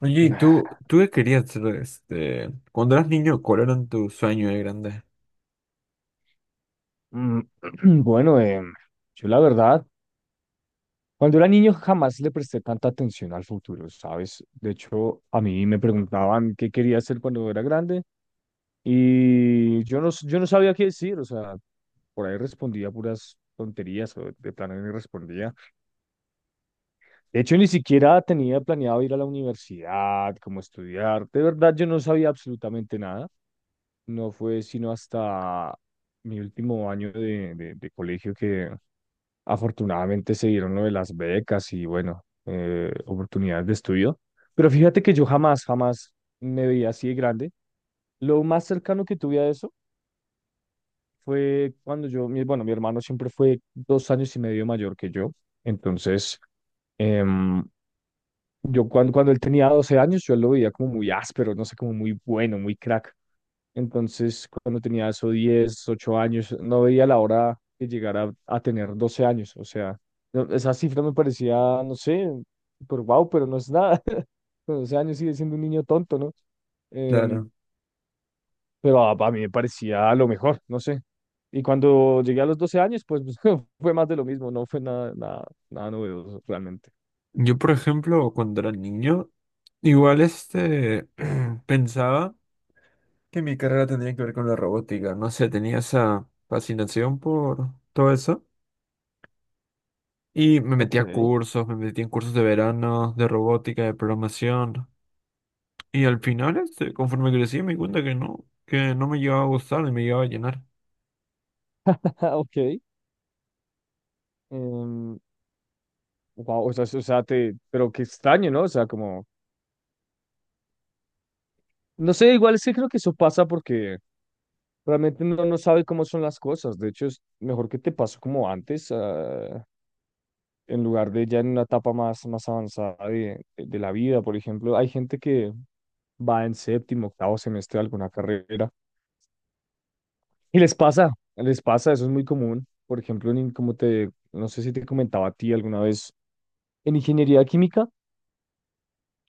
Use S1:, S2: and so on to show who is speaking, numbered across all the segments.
S1: Oye, ¿y tú qué querías ser, cuando eras niño, cuál era tu sueño de grande?
S2: Mm, Bueno, yo la verdad, cuando era niño jamás le presté tanta atención al futuro, ¿sabes? De hecho, a mí me preguntaban qué quería hacer cuando era grande y yo no, yo no sabía qué decir, o sea, por ahí respondía puras tonterías o de plano ni respondía. De hecho, ni siquiera tenía planeado ir a la universidad, como estudiar. De verdad, yo no sabía absolutamente nada. No fue sino hasta mi último año de colegio que... Afortunadamente se dieron lo de las becas y bueno, oportunidades de estudio. Pero fíjate que yo jamás, jamás me veía así de grande. Lo más cercano que tuve a eso fue cuando yo, mi, bueno, mi hermano siempre fue 2 años y medio mayor que yo. Entonces, em, yo cuando él tenía 12 años, yo lo veía como muy áspero, no sé, como muy bueno, muy crack. Entonces, cuando tenía eso 10 8 años, no veía la hora que llegara a tener 12 años. O sea, esa cifra me parecía, no sé, por wow, pero no es nada. Con 12 años sigue siendo un niño tonto, ¿no? Em,
S1: Claro.
S2: pero a mí me parecía lo mejor, no sé. Y cuando llegué a los 12 años, pues fue más de lo mismo, no fue nada, nada, nada novedoso realmente.
S1: Yo, por ejemplo, cuando era niño, igual pensaba que mi carrera tendría que ver con la robótica. No sé, tenía esa fascinación por todo eso. Y me metí
S2: Ok.
S1: a cursos, me metí en cursos de verano, de robótica, de programación. Y al final, conforme crecí, me di cuenta que no me llegaba a gustar y me llegaba a llenar.
S2: Ok. em, wow, o sea, pero qué extraño, ¿no? O sea, como no sé, igual sí creo que eso pasa porque realmente uno no sabe cómo son las cosas. De hecho, es mejor que te pase como antes, en lugar de ya en una etapa más, más avanzada de la vida. Por ejemplo, hay gente que va en séptimo, octavo semestre de alguna carrera y les pasa, eso es muy común. Por ejemplo, como te, no sé si te comentaba a ti alguna vez, en ingeniería química.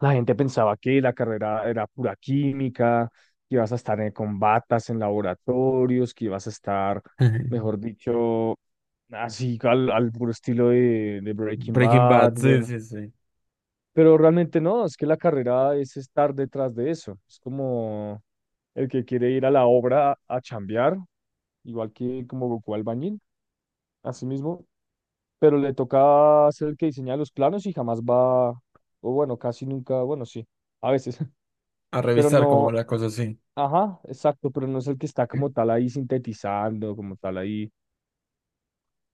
S2: La gente pensaba que la carrera era pura química, que ibas a estar en, con batas en laboratorios, que ibas a estar, mejor dicho, así al puro estilo de Breaking
S1: Breaking
S2: Bad,
S1: Bad, sí,
S2: bueno.
S1: sí, sí.
S2: Pero realmente no, es que la carrera es estar detrás de eso. Es como el que quiere ir a la obra a chambear, igual que como Goku Albañil, así mismo. Pero le toca ser el que diseña los planos y jamás va, o bueno, casi nunca, bueno, sí, a veces,
S1: A
S2: pero
S1: revisar como
S2: no.
S1: la cosa así.
S2: Ajá, exacto, pero no es el que está como tal ahí sintetizando, como tal ahí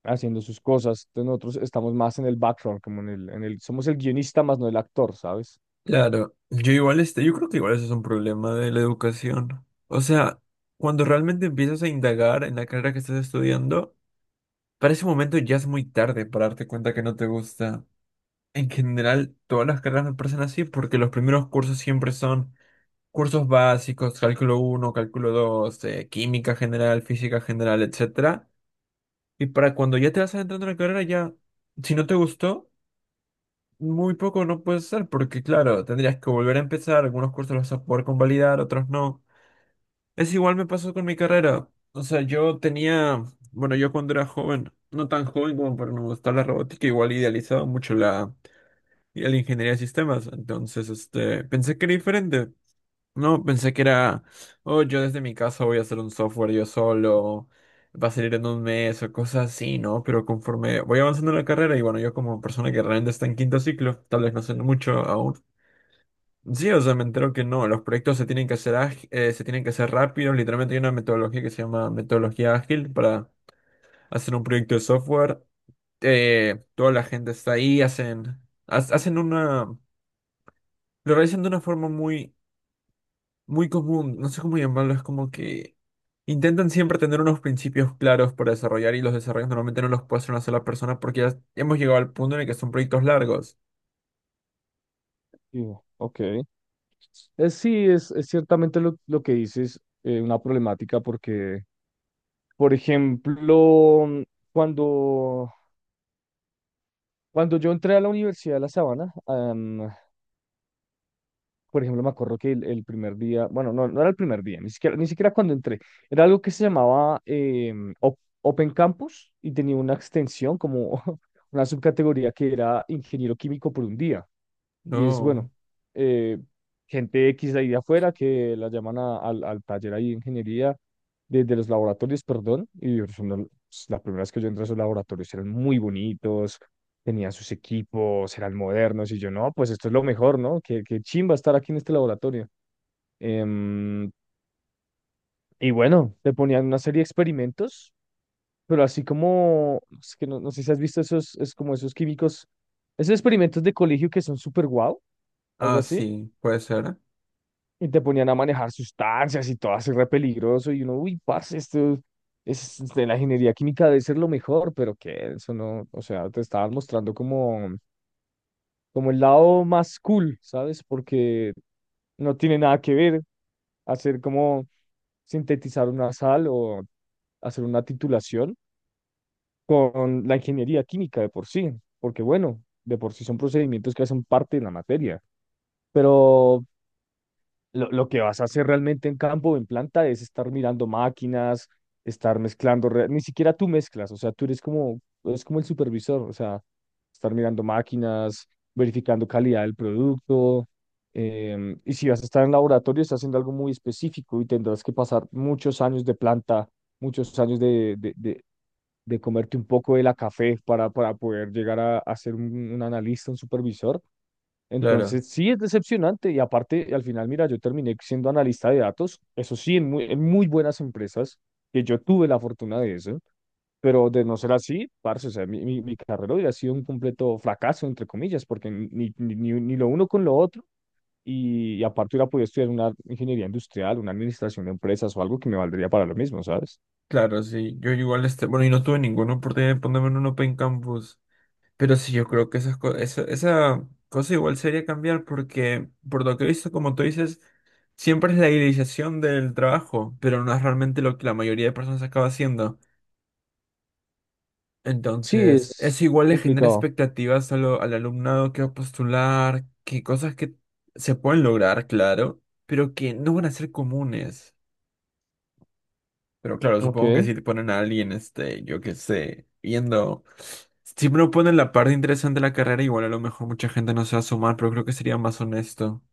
S2: haciendo sus cosas. Entonces nosotros estamos más en el background, como somos el guionista más no el actor, ¿sabes?
S1: Claro, yo igual yo creo que igual eso es un problema de la educación. O sea, cuando realmente empiezas a indagar en la carrera que estás estudiando, para ese momento ya es muy tarde para darte cuenta que no te gusta. En general, todas las carreras me parecen así porque los primeros cursos siempre son cursos básicos, cálculo uno, cálculo dos, química general, física general, etcétera. Y para cuando ya te vas adentrando en la carrera, ya, si no te gustó, muy poco no puede ser porque, claro, tendrías que volver a empezar, algunos cursos los vas a poder convalidar, otros no. Es igual me pasó con mi carrera. O sea, yo tenía, bueno, yo cuando era joven, no tan joven como para no gustar la robótica, igual idealizaba mucho la, la ingeniería de sistemas. Entonces, pensé que era diferente. No, pensé que era, oh, yo desde mi casa voy a hacer un software yo solo, va a salir en un mes o cosas así, ¿no? Pero conforme voy avanzando en la carrera y bueno, yo como persona que realmente está en quinto ciclo, tal vez no sé mucho aún. Sí, o sea, me entero que no, los proyectos se tienen que hacer se tienen que hacer rápido, literalmente hay una metodología que se llama metodología ágil para hacer un proyecto de software, toda la gente está ahí, hacen, hacen una, lo realizan de una forma muy muy común, no sé cómo llamarlo, es como que intentan siempre tener unos principios claros para desarrollar y los desarrollos normalmente no los puede hacer una sola persona porque ya hemos llegado al punto en el que son proyectos largos.
S2: Digo, ok. Sí, es ciertamente lo que dices, una problemática porque, por ejemplo, cuando, cuando yo entré a la Universidad de La Sabana. Por ejemplo, me acuerdo que el primer día, bueno, no, no era el primer día, ni siquiera cuando entré, era algo que se llamaba Open Campus y tenía una extensión como una subcategoría que era ingeniero químico por un día. Y es bueno,
S1: No.
S2: eh, gente X de ahí de afuera que la llaman al taller ahí de ingeniería, desde los laboratorios, perdón, y son las primeras que yo entré a esos laboratorios eran muy bonitos, tenían sus equipos, eran modernos, y yo, no, pues esto es lo mejor, ¿no? Qué, qué chimba estar aquí en este laboratorio. Em, y bueno, te ponían una serie de experimentos, pero así como, es que no, no sé si has visto esos, es como esos químicos, esos experimentos de colegio que son súper guau, algo
S1: Ah,
S2: así.
S1: sí, puede ser.
S2: Y te ponían a manejar sustancias y todo así re peligroso. Y uno, uy, parce, esto es de la ingeniería química debe ser lo mejor, pero que eso no, o sea, te estaban mostrando como, el lado más cool, ¿sabes? Porque no tiene nada que ver hacer como sintetizar una sal o hacer una titulación con la ingeniería química de por sí, porque bueno, de por sí son procedimientos que hacen parte de la materia. Pero lo, lo que vas a hacer realmente en campo o en planta es estar mirando máquinas, estar mezclando, ni siquiera tú mezclas, o sea, tú eres como, es como el supervisor, o sea, estar mirando máquinas, verificando calidad del producto, y si vas a estar en laboratorio, estás haciendo algo muy específico y tendrás que pasar muchos años de planta muchos años de comerte un poco de la café para poder llegar a ser un analista, un supervisor.
S1: Claro,
S2: Entonces, sí es decepcionante y aparte, al final, mira, yo terminé siendo analista de datos, eso sí, en muy buenas empresas, que yo tuve la fortuna de eso, pero de no ser así, parce, o sea, mi carrera hubiera sido un completo fracaso, entre comillas, porque ni lo uno con lo otro, y aparte hubiera podido estudiar una ingeniería industrial, una administración de empresas o algo que me valdría para lo mismo, ¿sabes?
S1: claro, sí. Yo igual, bueno, y no tuve ninguna oportunidad de ponerme en un Open Campus, pero sí, yo creo que esa cosa igual sería cambiar porque, por lo que he visto, como tú dices, siempre es la idealización del trabajo, pero no es realmente lo que la mayoría de personas acaba haciendo.
S2: Sí,
S1: Entonces,
S2: es
S1: eso igual le genera
S2: complicado.
S1: expectativas a lo- al alumnado que va a postular, que cosas que se pueden lograr, claro, pero que no van a ser comunes. Pero claro,
S2: Ok,
S1: supongo que si te ponen a alguien, yo qué sé, viendo, si no ponen la parte interesante de la carrera, igual a lo mejor mucha gente no se va a sumar, pero creo que sería más honesto.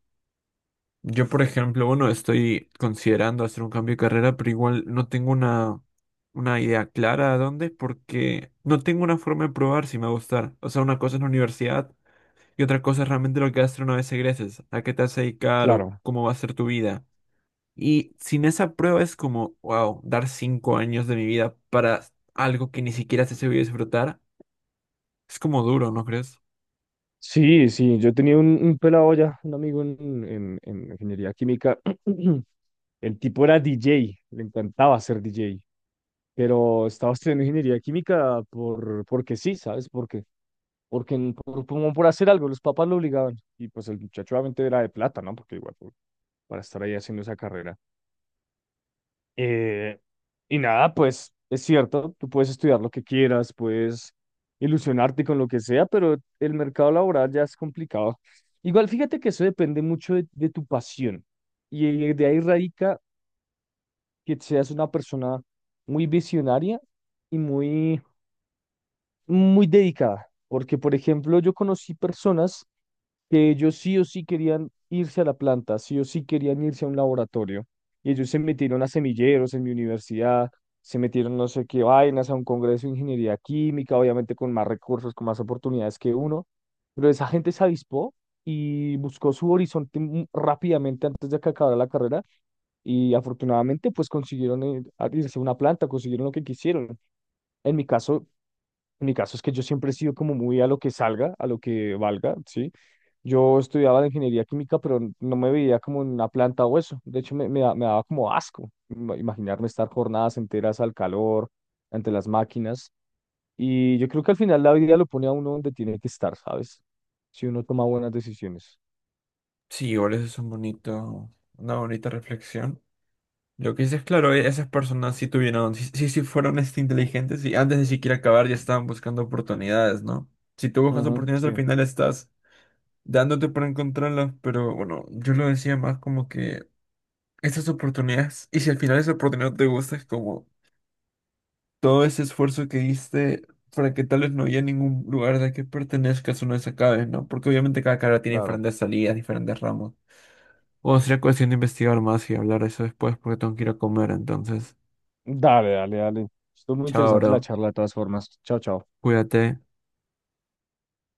S1: Yo, por ejemplo, bueno, estoy considerando hacer un cambio de carrera, pero igual no tengo una idea clara a dónde, porque no tengo una forma de probar si me va a gustar. O sea, una cosa es la universidad y otra cosa es realmente lo que vas a hacer una vez egreses, a qué te vas a dedicar o
S2: claro.
S1: cómo va a ser tu vida. Y sin esa prueba es como, wow, dar 5 años de mi vida para algo que ni siquiera sé si voy a disfrutar. Es como duro, ¿no crees?
S2: Sí, sí, yo tenía un pelado ya, un amigo en ingeniería química. El tipo era DJ, le encantaba ser DJ, pero estaba estudiando ingeniería química porque sí, ¿sabes? Porque como por hacer algo, los papás lo obligaban. Y pues el muchacho obviamente era de plata, ¿no? Porque igual, pues, para estar ahí haciendo esa carrera. Eh, y nada, pues es cierto, tú puedes estudiar lo que quieras, puedes ilusionarte con lo que sea, pero el mercado laboral ya es complicado. Igual fíjate que eso depende mucho de tu pasión y de ahí radica que seas una persona muy visionaria y muy muy dedicada, porque por ejemplo yo conocí personas que ellos sí o sí querían irse a la planta, sí o sí querían irse a un laboratorio, y ellos se metieron a semilleros en mi universidad, se metieron no sé qué vainas a un congreso de ingeniería química, obviamente con más recursos, con más oportunidades que uno, pero esa gente se avispó y buscó su horizonte rápidamente antes de que acabara la carrera y afortunadamente pues consiguieron irse a una planta, consiguieron lo que quisieron. En mi caso, en mi caso es que yo siempre he sido como muy a lo que salga, a lo que valga, ¿sí? Yo estudiaba la ingeniería química, pero no me veía como en una planta o eso. De hecho, me daba como asco imaginarme estar jornadas enteras al calor, ante las máquinas. Y yo creo que al final la vida lo pone a uno donde tiene que estar, ¿sabes? Si uno toma buenas decisiones.
S1: Sí, igual eso es un bonito, una bonita reflexión. Lo que dices, claro, esas personas sí tuvieron, sí, sí, sí fueron inteligentes y antes de siquiera acabar ya estaban buscando oportunidades, ¿no? Si tú buscas
S2: Ujú,
S1: oportunidades al
S2: sí,
S1: final estás dándote para encontrarlas, pero bueno, yo lo decía más como que esas oportunidades, y si al final esa oportunidad no te gusta, es como todo ese esfuerzo que diste para que tal vez no haya ningún lugar de que pertenezcas o no se acabe, ¿no? Porque obviamente cada carrera tiene
S2: claro.
S1: diferentes salidas, diferentes ramos. O sería cuestión de investigar más y hablar de eso después porque tengo que ir a comer, entonces,
S2: Dale, dale, dale. Estuvo muy
S1: chao,
S2: interesante la
S1: bro.
S2: charla de todas formas. Chao, chao.
S1: Cuídate.